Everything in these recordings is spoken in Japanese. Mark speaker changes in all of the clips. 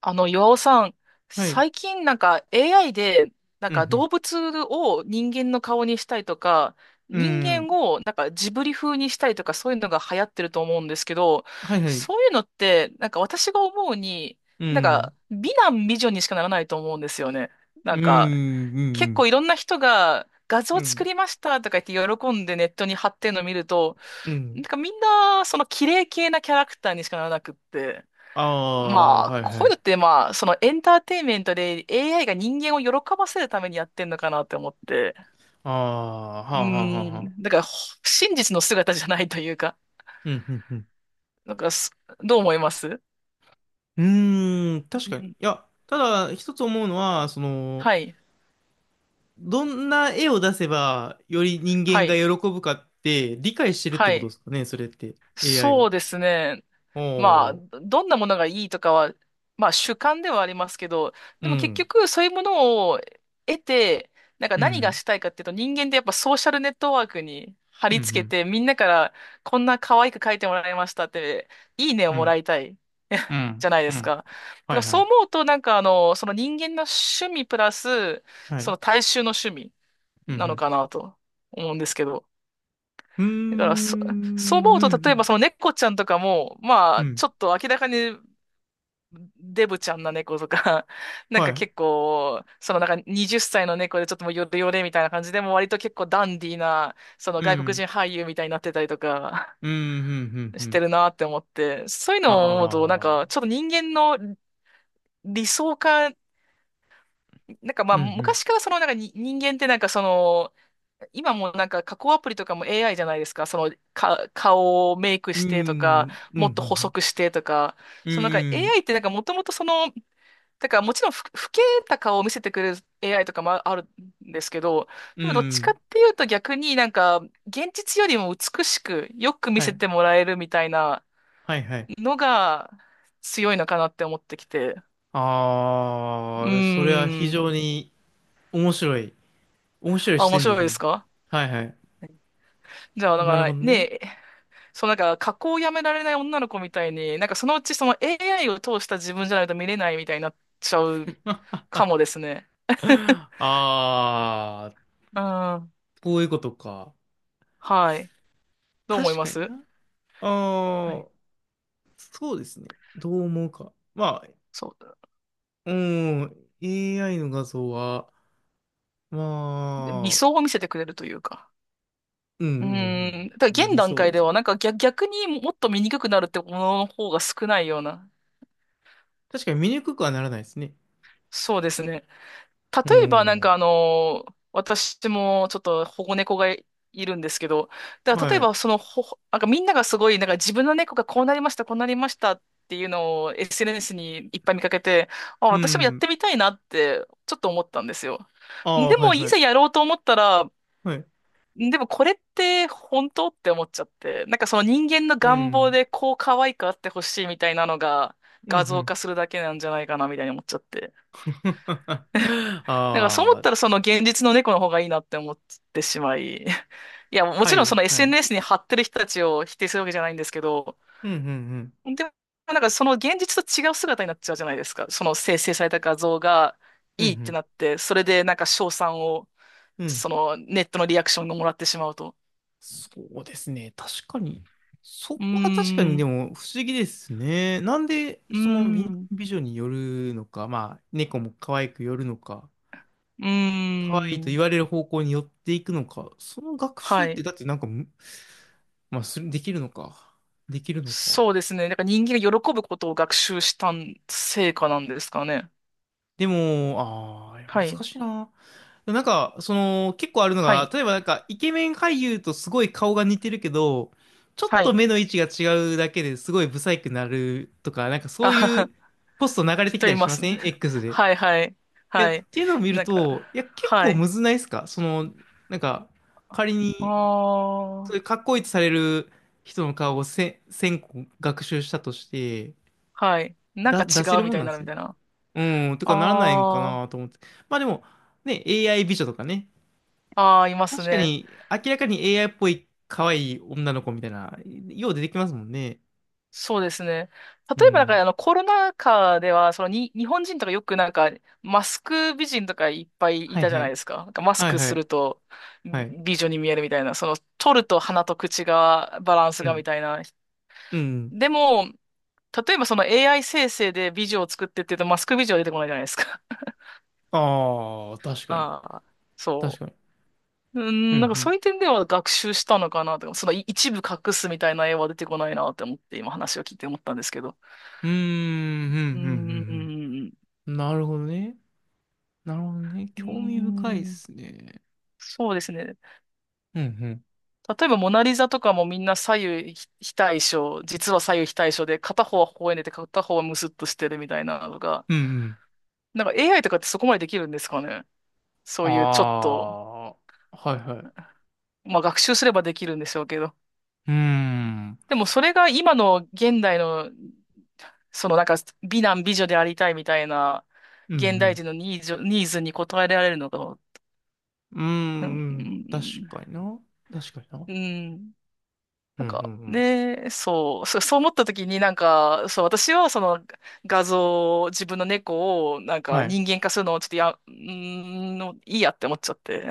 Speaker 1: 岩尾さん、
Speaker 2: はい。
Speaker 1: 最近AI で、
Speaker 2: うん、
Speaker 1: 動物を人間の顔にしたりとか、
Speaker 2: うん。
Speaker 1: 人
Speaker 2: う
Speaker 1: 間
Speaker 2: ん。
Speaker 1: をジブリ風にしたりとか、そういうのが流行ってると思うんですけど、
Speaker 2: はいはい。
Speaker 1: そういうのって、私が思うに、
Speaker 2: うん。
Speaker 1: 美男美女にしかならないと思うんですよね。な
Speaker 2: う
Speaker 1: ん
Speaker 2: ん、う
Speaker 1: か、
Speaker 2: ん、う
Speaker 1: 結
Speaker 2: ん。
Speaker 1: 構いろんな人が画
Speaker 2: う
Speaker 1: 像作
Speaker 2: ん、
Speaker 1: りましたとか言って喜んでネットに貼ってるのを見ると、
Speaker 2: うん。
Speaker 1: みんなその綺麗系なキャラクターにしかならなくって。
Speaker 2: ああ、
Speaker 1: まあ、
Speaker 2: はいは
Speaker 1: こういう
Speaker 2: い。
Speaker 1: のって、まあ、そのエンターテインメントで AI が人間を喜ばせるためにやってんのかなって思って。
Speaker 2: ああ、はあ、はあ、はあ。はあ、
Speaker 1: だからほ真実の姿じゃないというか、
Speaker 2: うん、うん、うん。
Speaker 1: なんかす、どう思います？
Speaker 2: うーん、確
Speaker 1: う
Speaker 2: かに。い
Speaker 1: ん
Speaker 2: や、ただ、一つ思うのは、その、
Speaker 1: はい、
Speaker 2: どんな絵を出せば、より人
Speaker 1: は
Speaker 2: 間が
Speaker 1: い、
Speaker 2: 喜ぶかって、理解してるって
Speaker 1: は
Speaker 2: ことで
Speaker 1: い。
Speaker 2: すかね、それって。AI
Speaker 1: そ
Speaker 2: が。
Speaker 1: うですね。まあ、
Speaker 2: おー、
Speaker 1: どんなものがいいとかは、まあ主観ではありますけど、
Speaker 2: う
Speaker 1: でも結
Speaker 2: ん、
Speaker 1: 局そういうものを得て、
Speaker 2: う
Speaker 1: 何が
Speaker 2: ん、
Speaker 1: したいかっていうと、人間ってやっぱソーシャルネットワークに貼
Speaker 2: うん、
Speaker 1: り
Speaker 2: う
Speaker 1: 付け
Speaker 2: ん、
Speaker 1: て、みんなからこんな可愛く書いてもらいましたって、いいねを
Speaker 2: う
Speaker 1: も
Speaker 2: ん、
Speaker 1: らいたい。
Speaker 2: う
Speaker 1: じ
Speaker 2: ん、
Speaker 1: ゃないで
Speaker 2: う
Speaker 1: す
Speaker 2: ん。
Speaker 1: か。だか
Speaker 2: は
Speaker 1: ら
Speaker 2: いは
Speaker 1: そう
Speaker 2: い。
Speaker 1: 思うと、その人間の趣味プラス、
Speaker 2: はい。う
Speaker 1: その
Speaker 2: ん、
Speaker 1: 大衆の趣味
Speaker 2: う
Speaker 1: なの
Speaker 2: ん、
Speaker 1: かなと思うんですけど。
Speaker 2: うーん、
Speaker 1: だからそ、そう思う
Speaker 2: う
Speaker 1: と、例えば
Speaker 2: ん、
Speaker 1: その猫ちゃんとかも、ま
Speaker 2: うん、
Speaker 1: あ、
Speaker 2: うん。
Speaker 1: ちょっと明らかにデブちゃんな猫とか、
Speaker 2: はい。
Speaker 1: 結構、20歳の猫でちょっともうヨレヨレみたいな感じで、もう割と結構ダンディーな、その
Speaker 2: う
Speaker 1: 外国
Speaker 2: ん、
Speaker 1: 人俳優みたいになってたりとか、
Speaker 2: うん、うん、うん、う
Speaker 1: して
Speaker 2: ん。
Speaker 1: るなって思って、そういうのを思うと、
Speaker 2: ああ、
Speaker 1: ちょっと人間の理想化、
Speaker 2: うん、うん、
Speaker 1: 昔からそのなんかに人間って今も加工アプリとかも AI じゃないですか。顔をメイク
Speaker 2: う
Speaker 1: してとか、
Speaker 2: ん、うん、う
Speaker 1: もっと細
Speaker 2: ん、
Speaker 1: くしてとか。
Speaker 2: う
Speaker 1: そのなんか
Speaker 2: ん、
Speaker 1: AI ってなんかもともとそのだからもちろんふ、老けた顔を見せてくれる AI とかあるんですけど、
Speaker 2: う
Speaker 1: でもどっちか
Speaker 2: ん。
Speaker 1: っていうと、逆に現実よりも美しくよく見
Speaker 2: は
Speaker 1: せ
Speaker 2: い、
Speaker 1: てもらえるみたいな
Speaker 2: はい、はい。
Speaker 1: のが強いのかなって思ってきて。う
Speaker 2: ああ、それは非
Speaker 1: ーん。
Speaker 2: 常に面白い。面白い
Speaker 1: あ、
Speaker 2: 視
Speaker 1: 面
Speaker 2: 点
Speaker 1: 白
Speaker 2: で
Speaker 1: い
Speaker 2: す
Speaker 1: で
Speaker 2: ね。
Speaker 1: すか？
Speaker 2: はい、はい。
Speaker 1: じゃあ、
Speaker 2: なるほ
Speaker 1: か
Speaker 2: どね。
Speaker 1: ね、そう、加工をやめられない女の子みたいに、そのうちその AI を通した自分じゃないと見れないみたいになっちゃうかもですね。
Speaker 2: あ あ、
Speaker 1: うん。
Speaker 2: こういうことか。
Speaker 1: はい。どう思い
Speaker 2: 確
Speaker 1: ま
Speaker 2: かに
Speaker 1: す？
Speaker 2: な。
Speaker 1: は
Speaker 2: あ
Speaker 1: い。
Speaker 2: あ、そうですね。どう思うか。まあ、
Speaker 1: そう。
Speaker 2: うん、AI の画像は、
Speaker 1: で、理
Speaker 2: まあ、
Speaker 1: 想を見せてくれるというか。
Speaker 2: うん、
Speaker 1: う
Speaker 2: う
Speaker 1: ーん。
Speaker 2: ん
Speaker 1: だ
Speaker 2: う
Speaker 1: から
Speaker 2: ん、
Speaker 1: 現
Speaker 2: 理
Speaker 1: 段
Speaker 2: 想
Speaker 1: 階
Speaker 2: で
Speaker 1: で
Speaker 2: す
Speaker 1: は、
Speaker 2: ね。
Speaker 1: 逆にもっと見にくくなるってものの方が少ないような。
Speaker 2: 確かに見にくくはならないですね。
Speaker 1: そうですね。
Speaker 2: う
Speaker 1: 例えば、
Speaker 2: ん。
Speaker 1: 私もちょっと保護猫がいるんですけど、だから例
Speaker 2: は
Speaker 1: え
Speaker 2: い。
Speaker 1: ば、そのほ、みんながすごい、自分の猫がこうなりましたっていうのを SNS にいっぱい見かけて、あ、
Speaker 2: う
Speaker 1: 私もやっ
Speaker 2: ん。
Speaker 1: てみたいなって、ちょっと思ったんですよ。
Speaker 2: ああ、
Speaker 1: で
Speaker 2: はい
Speaker 1: も、い
Speaker 2: は
Speaker 1: ざ
Speaker 2: い。
Speaker 1: やろうと思ったら、
Speaker 2: はい。
Speaker 1: でもこれって本当？って思っちゃって、その人間の
Speaker 2: う
Speaker 1: 願望
Speaker 2: ん。
Speaker 1: でこう可愛くあってほしいみたいなのが
Speaker 2: うん、う
Speaker 1: 画像
Speaker 2: ん。
Speaker 1: 化するだけなんじゃないかなみたいに思っちゃって。
Speaker 2: あ
Speaker 1: だからそう思っ
Speaker 2: あ、
Speaker 1: たら、その現実の猫の方がいいなって思ってしまい。いや、も
Speaker 2: は
Speaker 1: ちろん
Speaker 2: い
Speaker 1: その
Speaker 2: はい。
Speaker 1: SNS に貼ってる人たちを否定するわけじゃないんですけど、
Speaker 2: うん、うん、うん。
Speaker 1: でもその現実と違う姿になっちゃうじゃないですか。その生成された画像が
Speaker 2: うん、う
Speaker 1: いいって
Speaker 2: ん。
Speaker 1: なって、それで称賛を、
Speaker 2: うん、
Speaker 1: そのネットのリアクションがもらってしまうと。
Speaker 2: そうですね。確かに。そ
Speaker 1: う
Speaker 2: こは確か
Speaker 1: ー
Speaker 2: にで
Speaker 1: ん。
Speaker 2: も不思議ですね。なんで、
Speaker 1: うー
Speaker 2: その美男
Speaker 1: ん。
Speaker 2: 美女によるのか、まあ、猫も可愛くよるのか。
Speaker 1: うー
Speaker 2: 可愛いと言
Speaker 1: ん。
Speaker 2: われる方向に寄っていくのか。その学習っ
Speaker 1: は
Speaker 2: て、
Speaker 1: い。
Speaker 2: だってなんかまあ、できるのか。できるのか。
Speaker 1: そうですね。人間が喜ぶことを学習した成果なんですかね。
Speaker 2: でも、ああ、難
Speaker 1: はい。
Speaker 2: しいな。なんか、その、結構あるの
Speaker 1: は
Speaker 2: が、
Speaker 1: い。
Speaker 2: 例えばなんか、イケメン俳優とすごい顔が似てるけど、ちょっ
Speaker 1: は
Speaker 2: と
Speaker 1: い。
Speaker 2: 目の位置が違うだけですごいブサイクになるとか、なんかそ
Speaker 1: あ
Speaker 2: う
Speaker 1: は
Speaker 2: い
Speaker 1: は。
Speaker 2: うポスト流れてき
Speaker 1: 人
Speaker 2: た
Speaker 1: い
Speaker 2: りし
Speaker 1: ま
Speaker 2: ま
Speaker 1: す
Speaker 2: せ
Speaker 1: ね。
Speaker 2: ん？ X で。
Speaker 1: はいはい。
Speaker 2: いや、っ
Speaker 1: はい。
Speaker 2: ていうのを見る
Speaker 1: なんか、
Speaker 2: と、いや、結
Speaker 1: は
Speaker 2: 構む
Speaker 1: い。
Speaker 2: ずないですかその、なんか、仮
Speaker 1: あ
Speaker 2: にそういう
Speaker 1: あ。
Speaker 2: かっこいいとされる人の顔を1000個学習したとして、
Speaker 1: はい。なん
Speaker 2: だ、
Speaker 1: か違
Speaker 2: 出せ
Speaker 1: う
Speaker 2: る
Speaker 1: み
Speaker 2: もん
Speaker 1: たい
Speaker 2: な
Speaker 1: に
Speaker 2: ん
Speaker 1: な
Speaker 2: で
Speaker 1: る
Speaker 2: す
Speaker 1: み
Speaker 2: ね。
Speaker 1: たいな。
Speaker 2: うん、とかならないんか
Speaker 1: ああ。
Speaker 2: なと思って。まあでも、ね、AI 美女とかね。
Speaker 1: ああ、います
Speaker 2: 確か
Speaker 1: ね。
Speaker 2: に、明らかに AI っぽい可愛い女の子みたいな、よう出てきますもんね。
Speaker 1: そうですね。
Speaker 2: う
Speaker 1: 例えば、
Speaker 2: ん。
Speaker 1: コロナ禍では、そのに、日本人とかよくマスク美人とかいっぱいい
Speaker 2: はい
Speaker 1: たじゃ
Speaker 2: は
Speaker 1: ない
Speaker 2: い。
Speaker 1: ですか。なんかマス
Speaker 2: はい
Speaker 1: ク
Speaker 2: は
Speaker 1: す
Speaker 2: い。
Speaker 1: ると
Speaker 2: はい。
Speaker 1: 美女に見えるみたいな、その、取ると鼻と口が、バランス
Speaker 2: う
Speaker 1: がみ
Speaker 2: ん。
Speaker 1: たいな。
Speaker 2: うん。
Speaker 1: でも、例えばその AI 生成で美女を作ってって言うと、マスク美女は出てこないじゃないですか。
Speaker 2: ああ、確 かに。
Speaker 1: ああ、
Speaker 2: 確
Speaker 1: そ
Speaker 2: かに。
Speaker 1: う。う
Speaker 2: う
Speaker 1: ん、そ
Speaker 2: ん、
Speaker 1: ういう点では学習したのかなとか、そのい一部隠すみたいな絵は出てこないなって思って、今話を聞いて思ったんですけど。
Speaker 2: うん。うーん、う
Speaker 1: う
Speaker 2: ん、うん、うん。
Speaker 1: ん。
Speaker 2: うん、なるほどね。なるほどね。
Speaker 1: うー
Speaker 2: 興味深いっ
Speaker 1: ん。
Speaker 2: すね。
Speaker 1: そうですね。
Speaker 2: うん
Speaker 1: 例えば、モナリザとかもみんな左右非対称、実は左右非対称で、片方は微笑んでて、片方はムスッとしてるみたいなのが、
Speaker 2: うんうん。
Speaker 1: AI とかってそこまでできるんですかね。そ
Speaker 2: あ
Speaker 1: ういうちょっと、
Speaker 2: あ、はいはい。
Speaker 1: まあ学習すればできるんでしょうけど。
Speaker 2: うーん。
Speaker 1: でもそれが今の現代の、そのなんか美男美女でありたいみたいな、
Speaker 2: うんう
Speaker 1: 現代
Speaker 2: ん。
Speaker 1: 人のニーズに応えられるのか、
Speaker 2: うーん、
Speaker 1: うん、う
Speaker 2: うん。確
Speaker 1: ん、
Speaker 2: かにな。確かにな。
Speaker 1: うん
Speaker 2: うんうんうん。
Speaker 1: そう、そう思った時にそう、私はその画像、自分の猫を
Speaker 2: はい。
Speaker 1: 人間化するのをちょっとや、うーんの、いいやって思っちゃって。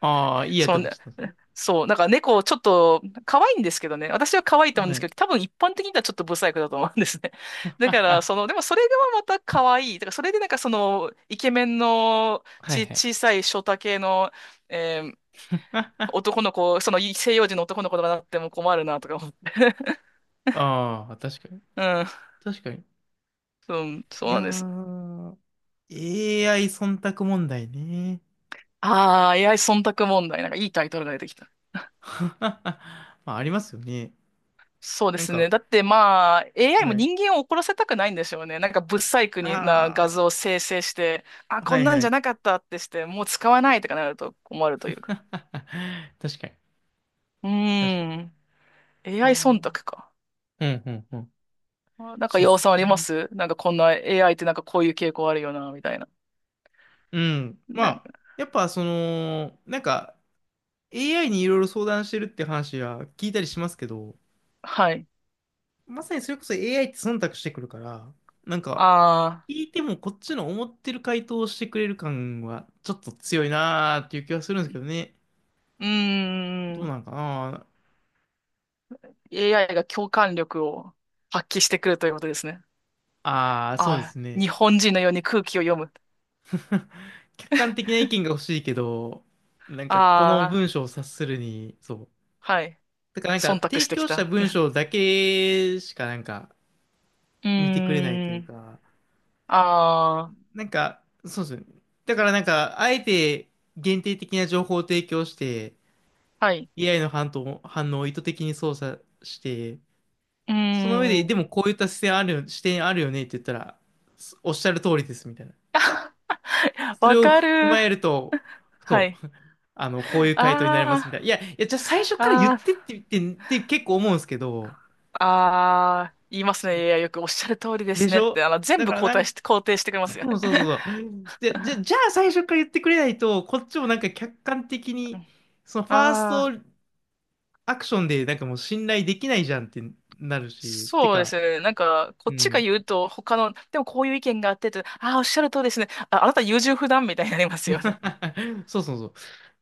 Speaker 2: ああ、い いやっ
Speaker 1: そ
Speaker 2: て
Speaker 1: の
Speaker 2: 思っち
Speaker 1: ね、
Speaker 2: ゃったんですね。
Speaker 1: そう、猫ちょっと可愛いんですけどね、私は可愛いと思うん
Speaker 2: は
Speaker 1: です
Speaker 2: い。
Speaker 1: けど、多分一般的にはちょっとブサイクだと思うんですね。だから、
Speaker 2: あ、
Speaker 1: その、でもそれがまた可愛い。だからそれでイケメンの
Speaker 2: はい
Speaker 1: ち、
Speaker 2: はい。
Speaker 1: 小さいショタ系の、えー男の子、その西洋人の男の子とかなっても困るなとか思って。
Speaker 2: ああ、確かに。
Speaker 1: うん。
Speaker 2: 確かに。
Speaker 1: うん、
Speaker 2: い
Speaker 1: そう
Speaker 2: や
Speaker 1: なんです。
Speaker 2: ー、AI 忖度問題ね。
Speaker 1: ああ、AI 忖度問題。なんかいいタイトルが出てきた。
Speaker 2: まあ、ありますよね。
Speaker 1: そうで
Speaker 2: なん
Speaker 1: すね。
Speaker 2: か、
Speaker 1: だってまあ、AI も
Speaker 2: はい。
Speaker 1: 人間を怒らせたくないんでしょうね。なんか不細工な画
Speaker 2: あ
Speaker 1: 像を生成して、あ、
Speaker 2: あ、
Speaker 1: こ
Speaker 2: は
Speaker 1: ん
Speaker 2: い
Speaker 1: なん
Speaker 2: は
Speaker 1: じゃ
Speaker 2: い。
Speaker 1: なかったってして、もう使わないとかなると困るという か。
Speaker 2: 確かに。
Speaker 1: うー
Speaker 2: 確かに。
Speaker 1: ん。
Speaker 2: ああ。
Speaker 1: AI
Speaker 2: う
Speaker 1: 忖度
Speaker 2: ん
Speaker 1: か。
Speaker 2: うんうん。
Speaker 1: あ、なんか
Speaker 2: そうっ
Speaker 1: 要
Speaker 2: す
Speaker 1: さんありま
Speaker 2: ね。
Speaker 1: す？なんかこんな AI ってなんかこういう傾向あるよな、みたいな。
Speaker 2: うん。ま
Speaker 1: なん
Speaker 2: あ、
Speaker 1: か、
Speaker 2: やっぱその、なんか AI にいろいろ相談してるって話は聞いたりしますけど、
Speaker 1: はい。
Speaker 2: まさにそれこそ AI って忖度してくるから、なんか
Speaker 1: ああ、
Speaker 2: 聞いてもこっちの思ってる回答をしてくれる感はちょっと強いなーっていう気はするんですけどね。
Speaker 1: うー
Speaker 2: どうな
Speaker 1: ん。
Speaker 2: んかな。
Speaker 1: AI が共感力を発揮してくるということですね。
Speaker 2: ああー、そうで
Speaker 1: あ、
Speaker 2: すね。
Speaker 1: 日本人のように空気を読む。
Speaker 2: 客観的な意見が欲しいけど、なんかこの
Speaker 1: ああ、
Speaker 2: 文章を察するに、そう。
Speaker 1: はい。
Speaker 2: だからなんか
Speaker 1: 忖度
Speaker 2: 提
Speaker 1: してき
Speaker 2: 供した
Speaker 1: た。
Speaker 2: 文 章だけしかなんか
Speaker 1: う
Speaker 2: 見てくれないと
Speaker 1: ー
Speaker 2: いう
Speaker 1: ん。
Speaker 2: か、
Speaker 1: あ
Speaker 2: なんか、そうですね。だからなんか、あえて限定的な情報を提供して、
Speaker 1: あ、はい。
Speaker 2: AI の反応を意図的に操作して、
Speaker 1: う
Speaker 2: その上
Speaker 1: ー
Speaker 2: で、で
Speaker 1: ん。
Speaker 2: もこういった視点あるよ、視点あるよねって言ったら、おっしゃる通りですみたいな。それ
Speaker 1: わ
Speaker 2: を
Speaker 1: か
Speaker 2: 踏
Speaker 1: る。
Speaker 2: まえると、
Speaker 1: は
Speaker 2: そ
Speaker 1: い。
Speaker 2: う、あの、こういう回答になりますみたいな。いや、
Speaker 1: あ
Speaker 2: いや、じゃあ最初
Speaker 1: あ、
Speaker 2: から言ってって言って、って結構思うんですけど、
Speaker 1: ああ、言います
Speaker 2: そう
Speaker 1: ね。いや、よくおっしゃる通りで
Speaker 2: で
Speaker 1: す
Speaker 2: し
Speaker 1: ねっ
Speaker 2: ょ。
Speaker 1: て、あの、全
Speaker 2: だ
Speaker 1: 部
Speaker 2: から
Speaker 1: 肯
Speaker 2: な
Speaker 1: 定し
Speaker 2: ん
Speaker 1: て、肯定してくれますよ
Speaker 2: そう
Speaker 1: ね。
Speaker 2: そうそ うそう。で、じゃあ最初から言ってくれないと、こっちもなんか客観的
Speaker 1: う
Speaker 2: に、
Speaker 1: ん。
Speaker 2: そのファース
Speaker 1: あ
Speaker 2: ト
Speaker 1: あ、
Speaker 2: アクションでなんかもう信頼できないじゃんってなるし、て
Speaker 1: そうで
Speaker 2: か、
Speaker 1: すね。なんか、こ
Speaker 2: う
Speaker 1: っちが
Speaker 2: ん。
Speaker 1: 言うと、でもこういう意見があってと、ああ、おっしゃる通りですね。あ、あなた優柔不断みたいになりますよね。
Speaker 2: そうそうそう。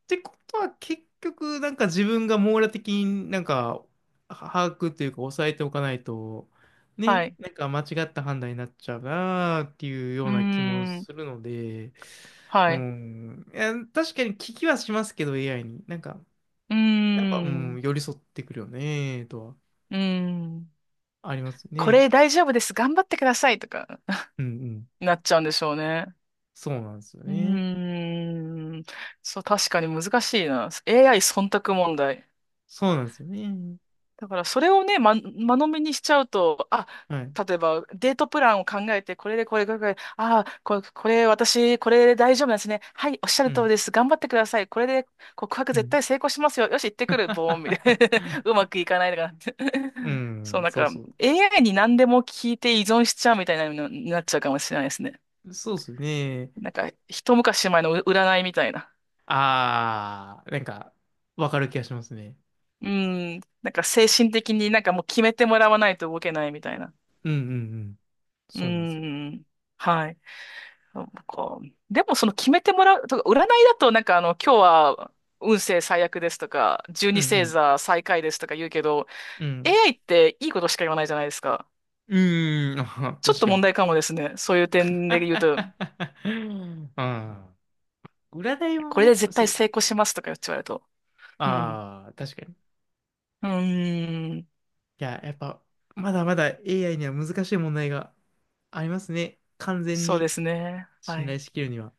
Speaker 2: ってことは結局なんか自分が網羅的になんかは把握というか抑えておかないと、
Speaker 1: は
Speaker 2: ね、
Speaker 1: い。
Speaker 2: なんか間違った判断になっちゃうなーっていう
Speaker 1: う
Speaker 2: よう
Speaker 1: ー
Speaker 2: な気も
Speaker 1: ん。
Speaker 2: するので、う
Speaker 1: はい。
Speaker 2: ん。いや、確かに聞きはしますけど、AI に。なんか、
Speaker 1: うー
Speaker 2: やっぱ、うん、
Speaker 1: ん。
Speaker 2: 寄り添ってくるよね、とは、
Speaker 1: うーん。
Speaker 2: あります
Speaker 1: こ
Speaker 2: ね。
Speaker 1: れ大丈夫です。頑張ってくださいとか
Speaker 2: うんう ん。
Speaker 1: なっちゃうんでしょうね。
Speaker 2: そうなんですよ
Speaker 1: う
Speaker 2: ね。
Speaker 1: ーん。そう、確かに難しいな。AI 忖度問題。
Speaker 2: そうなんですよね。
Speaker 1: だからそれをね、間延びにしちゃうと、あ、
Speaker 2: はい。
Speaker 1: 例えばデートプランを考えて、これでこれ、これ、これ、ああ、これ、これ私、これで大丈夫なんですね。はい、おっしゃ
Speaker 2: う
Speaker 1: る通り
Speaker 2: ん、
Speaker 1: です。頑張ってください。これで告白
Speaker 2: う
Speaker 1: 絶
Speaker 2: ん。
Speaker 1: 対成功しますよ。よし、行ってくる。ボーン、みたいな。うま くいかないとかなって。
Speaker 2: う
Speaker 1: そう、
Speaker 2: ん、
Speaker 1: なん
Speaker 2: そう
Speaker 1: か
Speaker 2: そ
Speaker 1: AI に何でも聞いて依存しちゃうみたいなのになっちゃうかもしれないですね。
Speaker 2: う。そうっすね。
Speaker 1: なんか、一昔前の占いみたいな。
Speaker 2: あー、なんか、わかる気がしますね。
Speaker 1: うん、なんか精神的にもう決めてもらわないと動けないみたいな。
Speaker 2: うんうんうん。
Speaker 1: う
Speaker 2: そうなんですよ。
Speaker 1: ん、はい。なんか、でもその決めてもらう、とか、占いだと今日は運勢最悪ですとか、十
Speaker 2: う
Speaker 1: 二星
Speaker 2: ん
Speaker 1: 座最下位ですとか言うけど、
Speaker 2: うん。うん。
Speaker 1: AI っていいことしか言わないじゃないですか。
Speaker 2: うーん、あ、
Speaker 1: ちょっ
Speaker 2: 確
Speaker 1: と
Speaker 2: か
Speaker 1: 問
Speaker 2: に。
Speaker 1: 題かもですね、そういう点で言うと。
Speaker 2: ああ、占いも
Speaker 1: これで
Speaker 2: ね、
Speaker 1: 絶
Speaker 2: そ
Speaker 1: 対
Speaker 2: うっす
Speaker 1: 成
Speaker 2: ね。
Speaker 1: 功しますとか言って言われると。うん。
Speaker 2: ああ、確かに。
Speaker 1: うーん。
Speaker 2: いや、やっぱ、まだまだ AI には難しい問題がありますね。完全
Speaker 1: そうで
Speaker 2: に
Speaker 1: すね。は
Speaker 2: 信頼
Speaker 1: い。
Speaker 2: しきるには。